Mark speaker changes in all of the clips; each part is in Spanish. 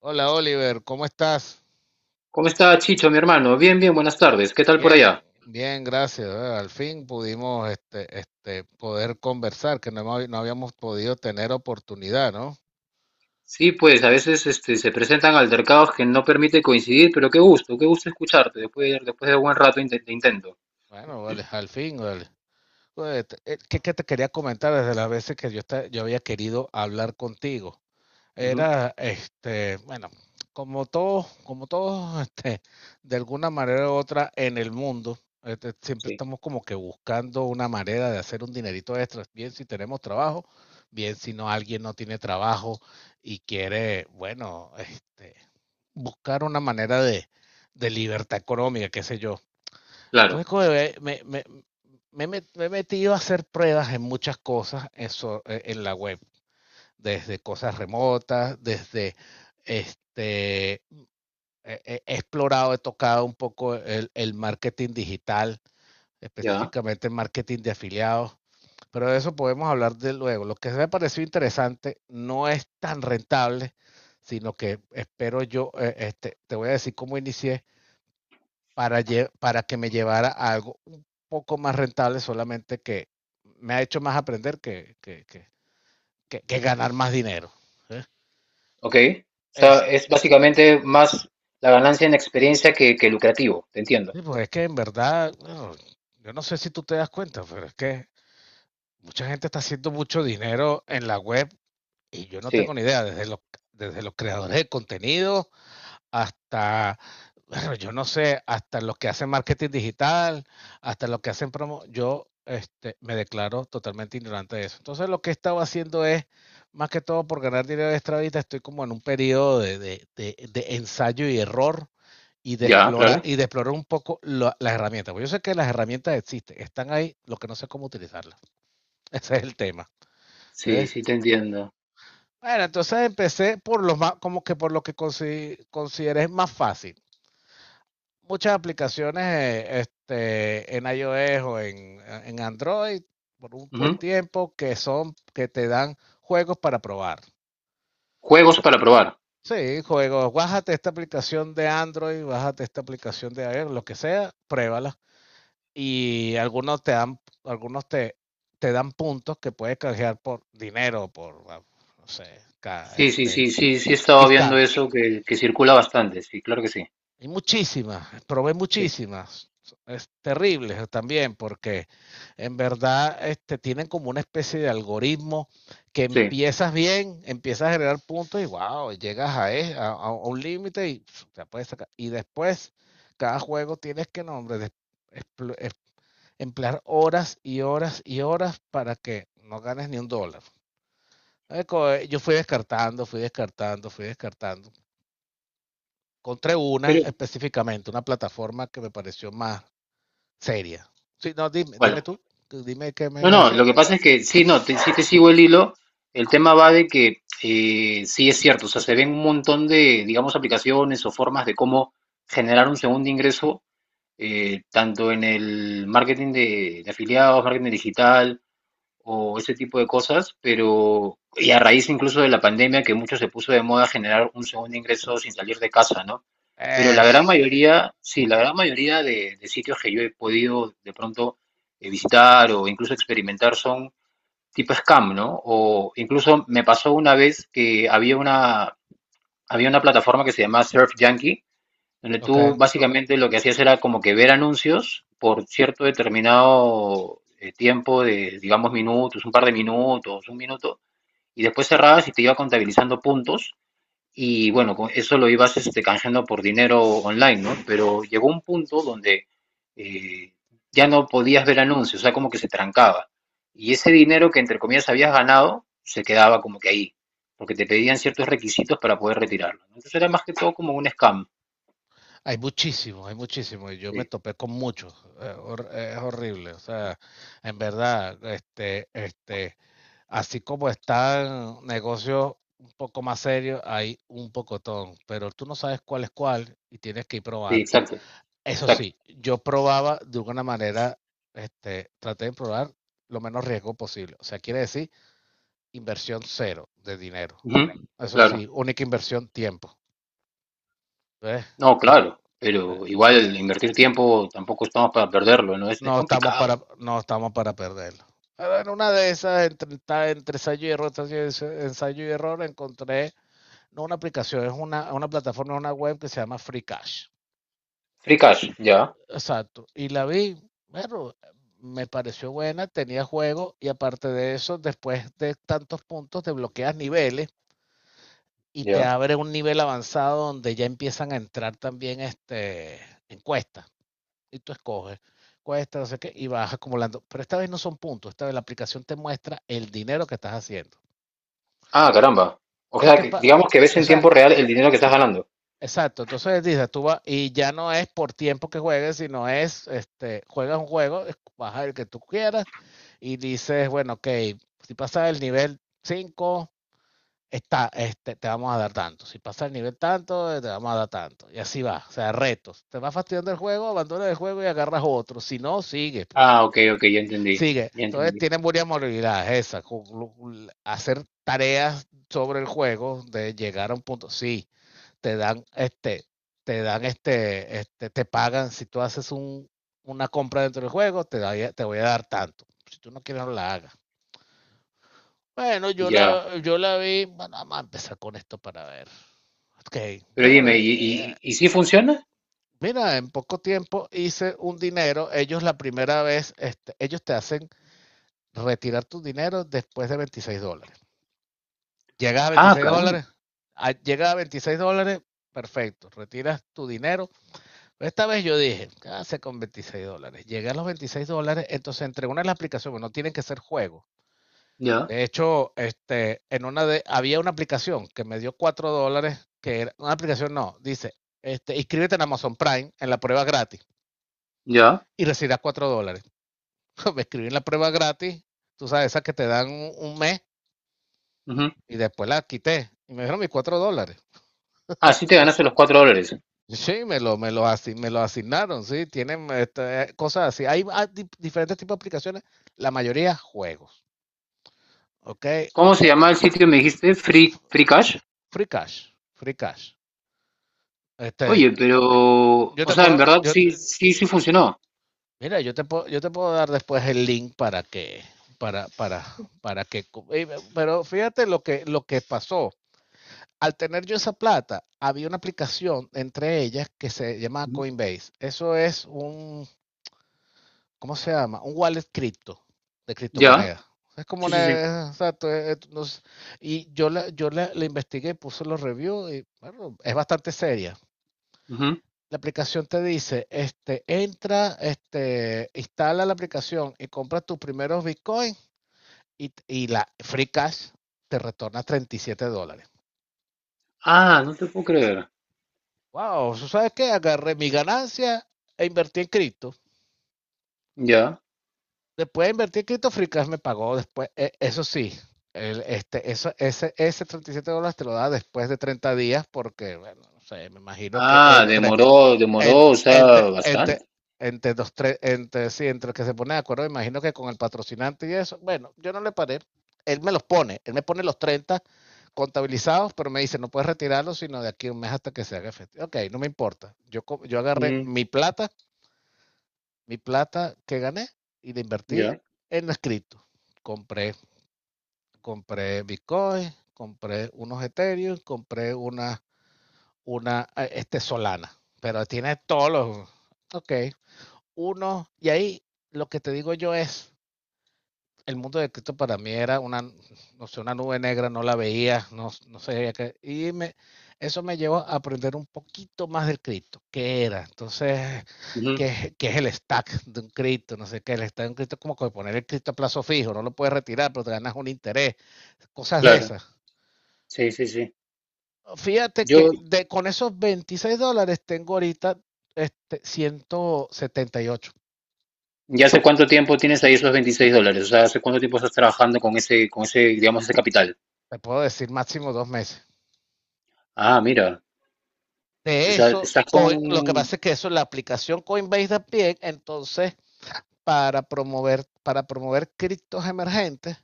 Speaker 1: Hola Oliver, ¿cómo estás?
Speaker 2: ¿Cómo está Chicho, mi hermano? Bien, bien, buenas tardes. ¿Qué tal por
Speaker 1: Bien,
Speaker 2: allá?
Speaker 1: bien, gracias. Al fin pudimos poder conversar, que no, no habíamos podido tener oportunidad, ¿no?
Speaker 2: Sí, pues a veces se presentan altercados que no permiten coincidir, pero qué gusto escucharte después de un buen rato de intento.
Speaker 1: Bueno, vale, al fin, vale. Pues, ¿qué te quería comentar desde las veces que yo, yo había querido hablar contigo?
Speaker 2: Ujú.
Speaker 1: Era, bueno, como todos, de alguna manera u otra en el mundo, siempre
Speaker 2: Sí,
Speaker 1: estamos como que buscando una manera de hacer un dinerito extra, bien si tenemos trabajo, bien si no alguien no tiene trabajo y quiere, bueno, buscar una manera de libertad económica, qué sé yo.
Speaker 2: claro,
Speaker 1: Entonces, como que me- me he met- me he metido a hacer pruebas en muchas cosas en la web desde cosas remotas, este, he explorado, he tocado un poco marketing digital,
Speaker 2: ya,
Speaker 1: específicamente el marketing de afiliados, pero de eso podemos hablar de luego. Lo que me pareció interesante no es tan rentable, sino que espero yo, te voy a decir cómo inicié para, para que me llevara a algo un poco más rentable, solamente que me ha hecho más aprender que ganar más dinero. ¿Eh?
Speaker 2: ok. O sea,
Speaker 1: Este,
Speaker 2: es básicamente más la ganancia en experiencia que lucrativo, te entiendo.
Speaker 1: Sí, pues es que en verdad, bueno, yo no sé si tú te das cuenta, pero es que mucha gente está haciendo mucho dinero en la web y yo no tengo
Speaker 2: Sí,
Speaker 1: ni idea, desde los creadores de contenido hasta, bueno, yo no sé, hasta los que hacen marketing digital, hasta los que hacen promo, yo me declaro totalmente ignorante de eso. Entonces lo que he estado haciendo es, más que todo por ganar dinero extra ahorita, estoy como en un periodo de ensayo y error
Speaker 2: ya, claro.
Speaker 1: y de explorar un poco las herramientas. Porque yo sé que las herramientas existen, están ahí, lo que no sé es cómo utilizarlas. Ese es el tema. ¿Eh?
Speaker 2: Sí, sí, te entiendo.
Speaker 1: Bueno, entonces empecé por lo más, como que por lo que consideré más fácil. Muchas aplicaciones en iOS o en Android por un buen
Speaker 2: Ujú.
Speaker 1: tiempo que son que te dan juegos para probar.
Speaker 2: Juegos para probar.
Speaker 1: Sí, juegos, bájate esta aplicación de Android, bájate esta aplicación de iOS, lo que sea, pruébala y algunos te dan te dan puntos que puedes canjear por dinero, no sé,
Speaker 2: Sí, sí,
Speaker 1: este,
Speaker 2: sí, sí, sí, he estado
Speaker 1: gift
Speaker 2: viendo
Speaker 1: card.
Speaker 2: eso que circula bastante, sí, claro que sí.
Speaker 1: Hay muchísimas, probé
Speaker 2: Sí,
Speaker 1: muchísimas. Es terrible también porque en verdad tienen como una especie de algoritmo que
Speaker 2: sí.
Speaker 1: empiezas bien, empiezas a generar puntos y wow, llegas a, e- a- a un límite y pf, ya puedes sacar. Y después, cada juego tienes que, no, hombre, explo- em- emplear horas y horas y horas para que no ganes ni un dólar. Yo fui descartando, fui descartando, fui descartando. Encontré una
Speaker 2: Pero,
Speaker 1: específicamente, una plataforma que me pareció más seria. Sí, no, dime, dime
Speaker 2: ¿cuál?
Speaker 1: tú, dime qué me
Speaker 2: No,
Speaker 1: iba a
Speaker 2: no,
Speaker 1: decir.
Speaker 2: lo que pasa es que sí, no, sí te sigo el hilo. El tema va de que sí es cierto, o sea, se ven un montón de, digamos, aplicaciones o formas de cómo generar un segundo ingreso, tanto en el marketing de afiliados, marketing digital, o ese tipo de cosas, pero y a raíz incluso de la pandemia que mucho se puso de moda generar un segundo ingreso sin salir de casa, ¿no? Pero la gran
Speaker 1: Eso.
Speaker 2: mayoría, sí, la gran mayoría de sitios que yo he podido de pronto visitar o incluso experimentar son tipo scam, ¿no? O incluso me pasó una vez que había una plataforma que se llamaba Surf Junkie, donde
Speaker 1: Ok.
Speaker 2: tú básicamente lo que hacías era como que ver anuncios por cierto determinado tiempo de, digamos, minutos, un par de minutos, un minuto, y después cerrabas y te iba contabilizando puntos y bueno, con eso lo ibas canjeando por dinero online, ¿no? Pero llegó un punto donde eh, ya no podías ver anuncios, o sea, como que se trancaba. Y ese dinero que entre comillas habías ganado se quedaba como que ahí, porque te pedían ciertos requisitos para poder retirarlo, ¿no? Entonces era más que todo como un scam.
Speaker 1: Hay muchísimos, hay muchísimos. Y yo me
Speaker 2: Sí.
Speaker 1: topé con muchos. Es horrible. O sea, en verdad, así como están negocios un poco más serios, hay un pocotón. Pero tú no sabes cuál es cuál y tienes que ir
Speaker 2: Sí,
Speaker 1: probando.
Speaker 2: exacto,
Speaker 1: Eso
Speaker 2: exacto.
Speaker 1: sí, yo probaba de alguna manera, traté de probar lo menos riesgo posible. O sea, quiere decir inversión cero de dinero.
Speaker 2: Ujú.
Speaker 1: Eso
Speaker 2: Claro,
Speaker 1: sí, única inversión, tiempo. ¿Ves?
Speaker 2: no,
Speaker 1: Que,
Speaker 2: claro,
Speaker 1: eh,
Speaker 2: pero
Speaker 1: el-
Speaker 2: igual invertir tiempo tampoco estamos para perderlo, ¿no? Es
Speaker 1: no estamos
Speaker 2: complicado.
Speaker 1: para, no estamos para perderlo. Pero en una de esas, entre ensayo y error, ensayo y error, encontré no una aplicación, es una plataforma, una web que se llama Free Cash.
Speaker 2: Free Cash, ya,
Speaker 1: Exacto. Y la vi, bueno, me pareció buena, tenía juego y aparte de eso, después de tantos puntos, desbloqueas niveles y te
Speaker 2: ya.
Speaker 1: abre un nivel avanzado donde ya empiezan a entrar también encuestas. Y tú escoges cuesta, no sé qué, y vas acumulando. Pero esta vez no son puntos, esta vez la aplicación te muestra el dinero que estás haciendo.
Speaker 2: Ah, caramba. O
Speaker 1: Entonces,
Speaker 2: sea,
Speaker 1: ¿qué
Speaker 2: que
Speaker 1: pasa?
Speaker 2: digamos que ves
Speaker 1: O
Speaker 2: en
Speaker 1: sea,
Speaker 2: tiempo real el dinero que estás ganando.
Speaker 1: exacto, entonces dices, tú vas, y ya no es por tiempo que juegues, sino es, juegas un juego, baja el que tú quieras, y dices, bueno, ok, si pasas el nivel 5, está, te vamos a dar tanto, si pasas el nivel tanto, te vamos a dar tanto, y así va, o sea, retos, te vas fastidiando el juego, abandonas el juego y agarras otro, si no, sigue, pues,
Speaker 2: Ah, ok, ok, ya entendí,
Speaker 1: sigue,
Speaker 2: ya
Speaker 1: entonces
Speaker 2: entendí,
Speaker 1: tienen varias modalidades esas, hacer tareas sobre el juego, de llegar a un punto, sí, te dan este, te dan te pagan, si tú haces una compra dentro del juego, te voy a dar tanto. Si tú no quieres, no la hagas. Bueno,
Speaker 2: ya.
Speaker 1: yo la vi, bueno, vamos a empezar con esto para ver. Ok,
Speaker 2: Pero
Speaker 1: bueno,
Speaker 2: dime, ¿y, y, y si funciona?
Speaker 1: mira, en poco tiempo hice un dinero, ellos la primera vez, ellos te hacen retirar tu dinero después de $26. Llegas a
Speaker 2: Ah,
Speaker 1: veintiséis
Speaker 2: caramba,
Speaker 1: dólares, llegas a $26, perfecto, retiras tu dinero. Esta vez yo dije, ah, con $26. Llegué a los $26, entonces entre una de las aplicaciones, no tienen que ser juegos.
Speaker 2: ya,
Speaker 1: De hecho, había una aplicación que me dio $4, que era una aplicación, no, dice, inscríbete en Amazon Prime en la prueba gratis
Speaker 2: ya.
Speaker 1: y recibirás $4. Me escribí en la prueba gratis, tú sabes, esa que te dan un mes
Speaker 2: Ujú.
Speaker 1: y después la quité y me dieron mis $4.
Speaker 2: Ah, sí te ganaste los $4.
Speaker 1: Sí, me lo asignaron, sí, tienen cosas así. Hay, diferentes tipos de aplicaciones, la mayoría juegos, ¿ok?
Speaker 2: ¿Cómo se llama el sitio que me dijiste? Free Cash.
Speaker 1: Free Cash, free cash. Este,
Speaker 2: Oye, pero,
Speaker 1: yo
Speaker 2: o
Speaker 1: te
Speaker 2: sea, en
Speaker 1: puedo,
Speaker 2: verdad
Speaker 1: yo
Speaker 2: sí,
Speaker 1: te-
Speaker 2: sí, sí funcionó.
Speaker 1: mira, yo te puedo dar después el link para, para, para que, pero fíjate lo que pasó. Al tener yo esa plata, había una aplicación entre ellas que se llama
Speaker 2: Ujú.
Speaker 1: Coinbase. Eso es un ¿cómo se llama? Un wallet cripto, de
Speaker 2: Ya.
Speaker 1: criptomonedas. Es como
Speaker 2: Sí, sí, sí.
Speaker 1: una, exacto, no sé. Y la investigué, puse los reviews y bueno, es bastante seria.
Speaker 2: Ujú.
Speaker 1: La aplicación te dice, entra, instala la aplicación y compra tus primeros Bitcoin y la Free Cash te retorna 37 dólares.
Speaker 2: Ah, no te puedo creer.
Speaker 1: Wow, ¿sabes qué? Agarré mi ganancia e invertí en cripto.
Speaker 2: Ya.
Speaker 1: Después de invertir, Crypto me pagó después, eso sí, ese $37 te lo da después de 30 días porque, bueno, no sé, me imagino que
Speaker 2: Ah, demoró, demoró,
Speaker 1: entre,
Speaker 2: o sea,
Speaker 1: entre, entre,
Speaker 2: bastante.
Speaker 1: entre dos, tres, entre, sí, entre el que se pone de acuerdo, me imagino que con el patrocinante y eso, bueno, yo no le paré, él me pone los 30 contabilizados, pero me dice, no puedes retirarlos sino de aquí a un mes hasta que se haga efectivo. Ok, no me importa, yo agarré
Speaker 2: Ujú.
Speaker 1: mi plata, mi plata que gané y la invertí
Speaker 2: Ya.
Speaker 1: en las cripto. Compré, compré Bitcoin, compré unos Ethereum, compré una Solana, pero tiene todos los, ok, uno, y ahí lo que te digo yo es, el mundo de Cristo para mí era una, no sé, una nube negra, no la veía, no, no sabía qué. Eso me llevó a aprender un poquito más del Cristo, qué era, entonces,
Speaker 2: Ujú.
Speaker 1: qué es el stack de un Cristo, no sé qué, el stack de un Cristo es como que poner el Cristo a plazo fijo, no lo puedes retirar, pero te ganas un interés, cosas de
Speaker 2: Claro.
Speaker 1: esas.
Speaker 2: Sí, sí, sí.
Speaker 1: Fíjate
Speaker 2: Yo,
Speaker 1: con esos 26 dólares tengo ahorita 178.
Speaker 2: ¿ya hace cuánto tiempo tienes ahí esos $26? O sea, ¿hace cuánto tiempo estás trabajando con ese, digamos, ese capital?
Speaker 1: Te puedo decir máximo 2 meses.
Speaker 2: Ah, mira. O
Speaker 1: De
Speaker 2: sea,
Speaker 1: eso,
Speaker 2: estás
Speaker 1: Lo que
Speaker 2: con.
Speaker 1: pasa es que eso, es la aplicación Coinbase también, entonces, para promover criptos emergentes,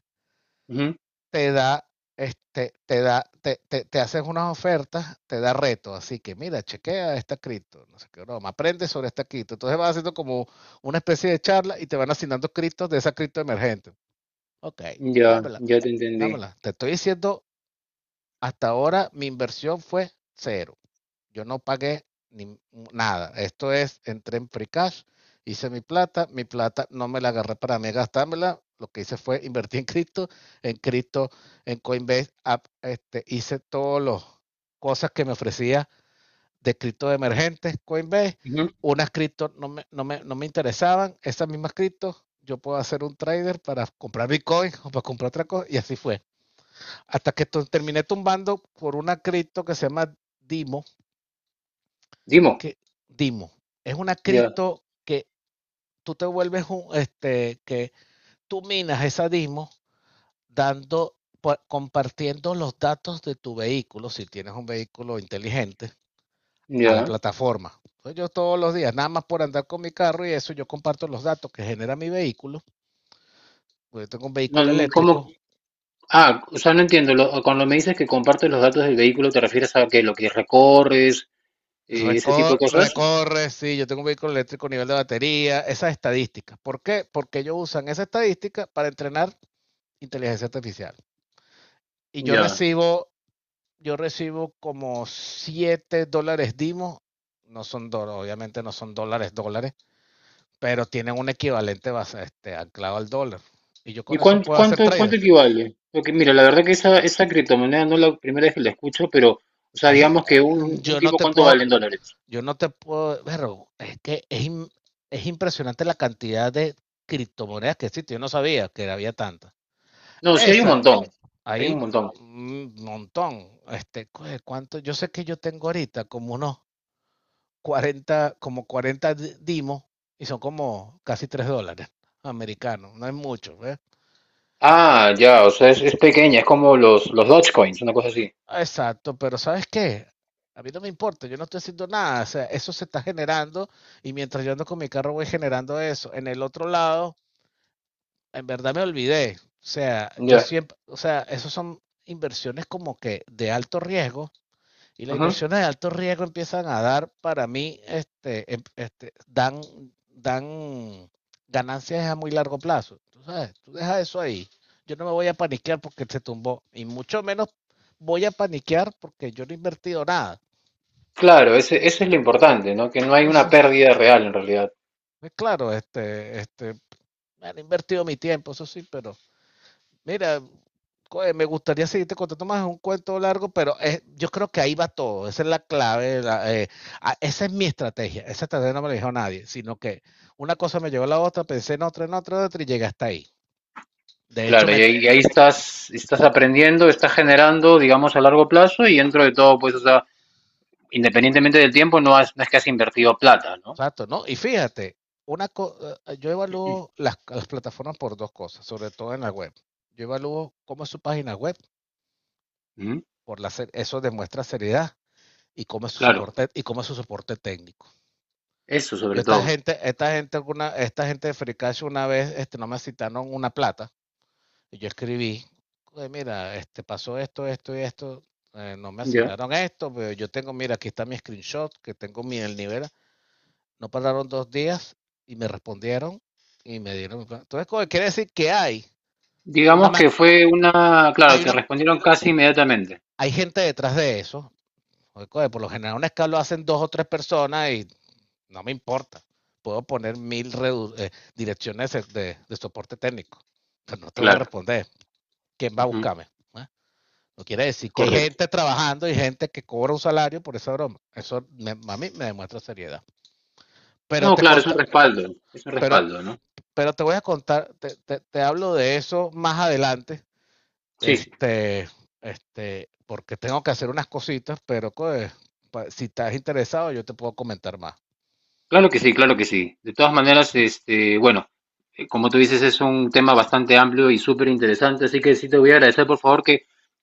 Speaker 2: Ujú.
Speaker 1: te da, este, te da, te haces unas ofertas, te da retos. Así que mira, chequea esta cripto, no sé qué broma, aprende sobre esta cripto. Entonces vas haciendo como una especie de charla y te van asignando criptos de esa cripto emergente. Ok,
Speaker 2: Ya,
Speaker 1: dámela,
Speaker 2: ya te entendí.
Speaker 1: dámela. Te estoy diciendo, hasta ahora mi inversión fue cero. Yo no pagué ni nada. Esto es, entré en free cash, hice mi plata no me la agarré para mí gastármela. Lo que hice fue invertir en cripto, en cripto, en Coinbase, app, hice todas las cosas que me ofrecía de cripto de emergentes, Coinbase.
Speaker 2: Ujú.
Speaker 1: Unas cripto no me interesaban, esas mismas criptos yo puedo hacer un trader para comprar Bitcoin o para comprar otra cosa, y así fue. Hasta que terminé tumbando por una cripto que se llama Dimo,
Speaker 2: Dimo.
Speaker 1: que Dimo, es una
Speaker 2: Ya,
Speaker 1: cripto que tú te vuelves un, este, que tú minas esa Dimo dando, compartiendo los datos de tu vehículo, si tienes un vehículo inteligente, a la
Speaker 2: ya.
Speaker 1: plataforma. Entonces, yo todos los días, nada más por andar con mi carro y eso, yo comparto los datos que genera mi vehículo. Yo tengo un
Speaker 2: No,
Speaker 1: vehículo
Speaker 2: ¿cómo?
Speaker 1: eléctrico,
Speaker 2: Ah, o sea, no entiendo. Cuando me dices que compartes los datos del vehículo, ¿te refieres a que lo que recorres? Ese tipo de cosas.
Speaker 1: recorre, sí, yo tengo un vehículo eléctrico, nivel de batería, esas estadísticas. ¿Por qué? Porque ellos usan esa estadística para entrenar inteligencia artificial. Y yo
Speaker 2: Ya.
Speaker 1: recibo, yo recibo como $7 Dimo, no son dólares, obviamente no son dólares, dólares, pero tienen un equivalente base, anclado al dólar. Y yo
Speaker 2: ¿Y
Speaker 1: con eso
Speaker 2: cuán-
Speaker 1: puedo hacer
Speaker 2: cuánto,
Speaker 1: trader.
Speaker 2: cuánto equivale? Porque mira, la verdad que esa criptomoneda no es la primera vez que la escucho, pero, o sea,
Speaker 1: Ahí,
Speaker 2: digamos que
Speaker 1: eh,
Speaker 2: un
Speaker 1: yo no
Speaker 2: tipo,
Speaker 1: te
Speaker 2: ¿cuánto vale
Speaker 1: puedo,
Speaker 2: en dólares?
Speaker 1: yo no te puedo, pero es que es impresionante la cantidad de criptomonedas que existe. Yo no sabía que había tantas.
Speaker 2: No, sí hay un
Speaker 1: Esa,
Speaker 2: montón, hay un
Speaker 1: ahí,
Speaker 2: montón.
Speaker 1: un montón. ¿Cuánto? Yo sé que yo tengo ahorita como unos 40 como 40 dimos y son como casi $3 americanos, no es mucho, ¿ves?
Speaker 2: Ah, ya, o sea, es pequeña, es como los Dogecoins, una cosa así.
Speaker 1: Exacto, pero ¿sabes qué? A mí no me importa, yo no estoy haciendo nada, o sea, eso se está generando y mientras yo ando con mi carro voy generando eso. En el otro lado, en verdad me olvidé, o sea, yo
Speaker 2: Ya.
Speaker 1: siempre, o sea, esos son inversiones como que de alto riesgo. Y las
Speaker 2: Ujú.
Speaker 1: inversiones de alto riesgo empiezan a dar, para mí, dan ganancias a muy largo plazo. Tú sabes, tú dejas eso ahí. Yo no me voy a paniquear porque se tumbó. Y mucho menos voy a paniquear porque yo no he invertido nada.
Speaker 2: Claro, eso es lo importante, ¿no? Que no hay una
Speaker 1: Entonces,
Speaker 2: pérdida real en realidad.
Speaker 1: pues claro, me han invertido mi tiempo, eso sí, pero mira, me gustaría seguirte contando más, es un cuento largo, pero yo creo que ahí va todo, esa es la clave, esa es mi estrategia, esa estrategia no me la dijo nadie, sino que una cosa me llevó a la otra, pensé en otra, en otra, en otra y llegué hasta ahí. De hecho,
Speaker 2: Claro, y ahí, y ahí estás aprendiendo, estás generando, digamos, a largo plazo y dentro de todo, pues, o sea, independientemente del tiempo, no, no es que has invertido plata, ¿no?
Speaker 1: exacto, ¿no? Y fíjate, una co- yo evalúo las plataformas por dos cosas, sobre todo en la web. Yo evalúo cómo es su página web,
Speaker 2: ¿Mm?
Speaker 1: eso demuestra seriedad, y cómo es su
Speaker 2: Claro,
Speaker 1: soporte y cómo es su soporte técnico.
Speaker 2: eso
Speaker 1: Yo
Speaker 2: sobre todo.
Speaker 1: esta gente, una, Esta gente de Free una vez, no me citaron una plata y yo escribí: "Oye, mira, pasó esto, esto y esto, no me
Speaker 2: Ya.
Speaker 1: asignaron esto, pero yo tengo, mira, aquí está mi screenshot, que tengo mi el nivel". No pararon 2 días y me respondieron y me dieron mi plata. Entonces, coño, quiere decir que hay una,
Speaker 2: Digamos
Speaker 1: ma-
Speaker 2: que fue una, claro,
Speaker 1: hay
Speaker 2: te
Speaker 1: una,
Speaker 2: respondieron casi inmediatamente.
Speaker 1: hay gente detrás de eso. Oye, coño, por lo general un escalo hacen dos o tres personas. Y no me importa. Puedo poner mil redu direcciones soporte técnico. Pero no te voy a
Speaker 2: Claro,
Speaker 1: responder. ¿Quién va a
Speaker 2: ujú,
Speaker 1: buscarme? ¿Eh? No quiere
Speaker 2: es
Speaker 1: decir que hay
Speaker 2: correcto.
Speaker 1: gente trabajando y gente que cobra un salario por esa broma. Eso, a mí me demuestra seriedad. Pero
Speaker 2: No,
Speaker 1: te
Speaker 2: claro,
Speaker 1: conta,
Speaker 2: es un
Speaker 1: pero,
Speaker 2: respaldo, ¿no?
Speaker 1: pero te voy a contar, te hablo de eso más adelante.
Speaker 2: Sí, sí,
Speaker 1: Este, Porque tengo que hacer unas cositas, pero pues, si estás interesado, yo te puedo comentar más.
Speaker 2: claro que sí, claro que sí. De todas maneras, bueno, como tú dices, es un tema bastante amplio y súper interesante, así que sí te voy a agradecer, por favor, que,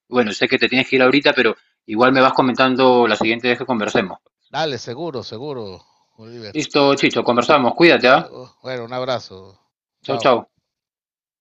Speaker 2: bueno, sé que te tienes que ir ahorita, pero igual me vas comentando la siguiente vez que conversemos.
Speaker 1: Dale, seguro, seguro, Oliver.
Speaker 2: Listo, Chicho, conversamos, cuídate,
Speaker 1: Bue-
Speaker 2: ¿ah?
Speaker 1: Bueno, un abrazo.
Speaker 2: Chau,
Speaker 1: Chao.
Speaker 2: chau.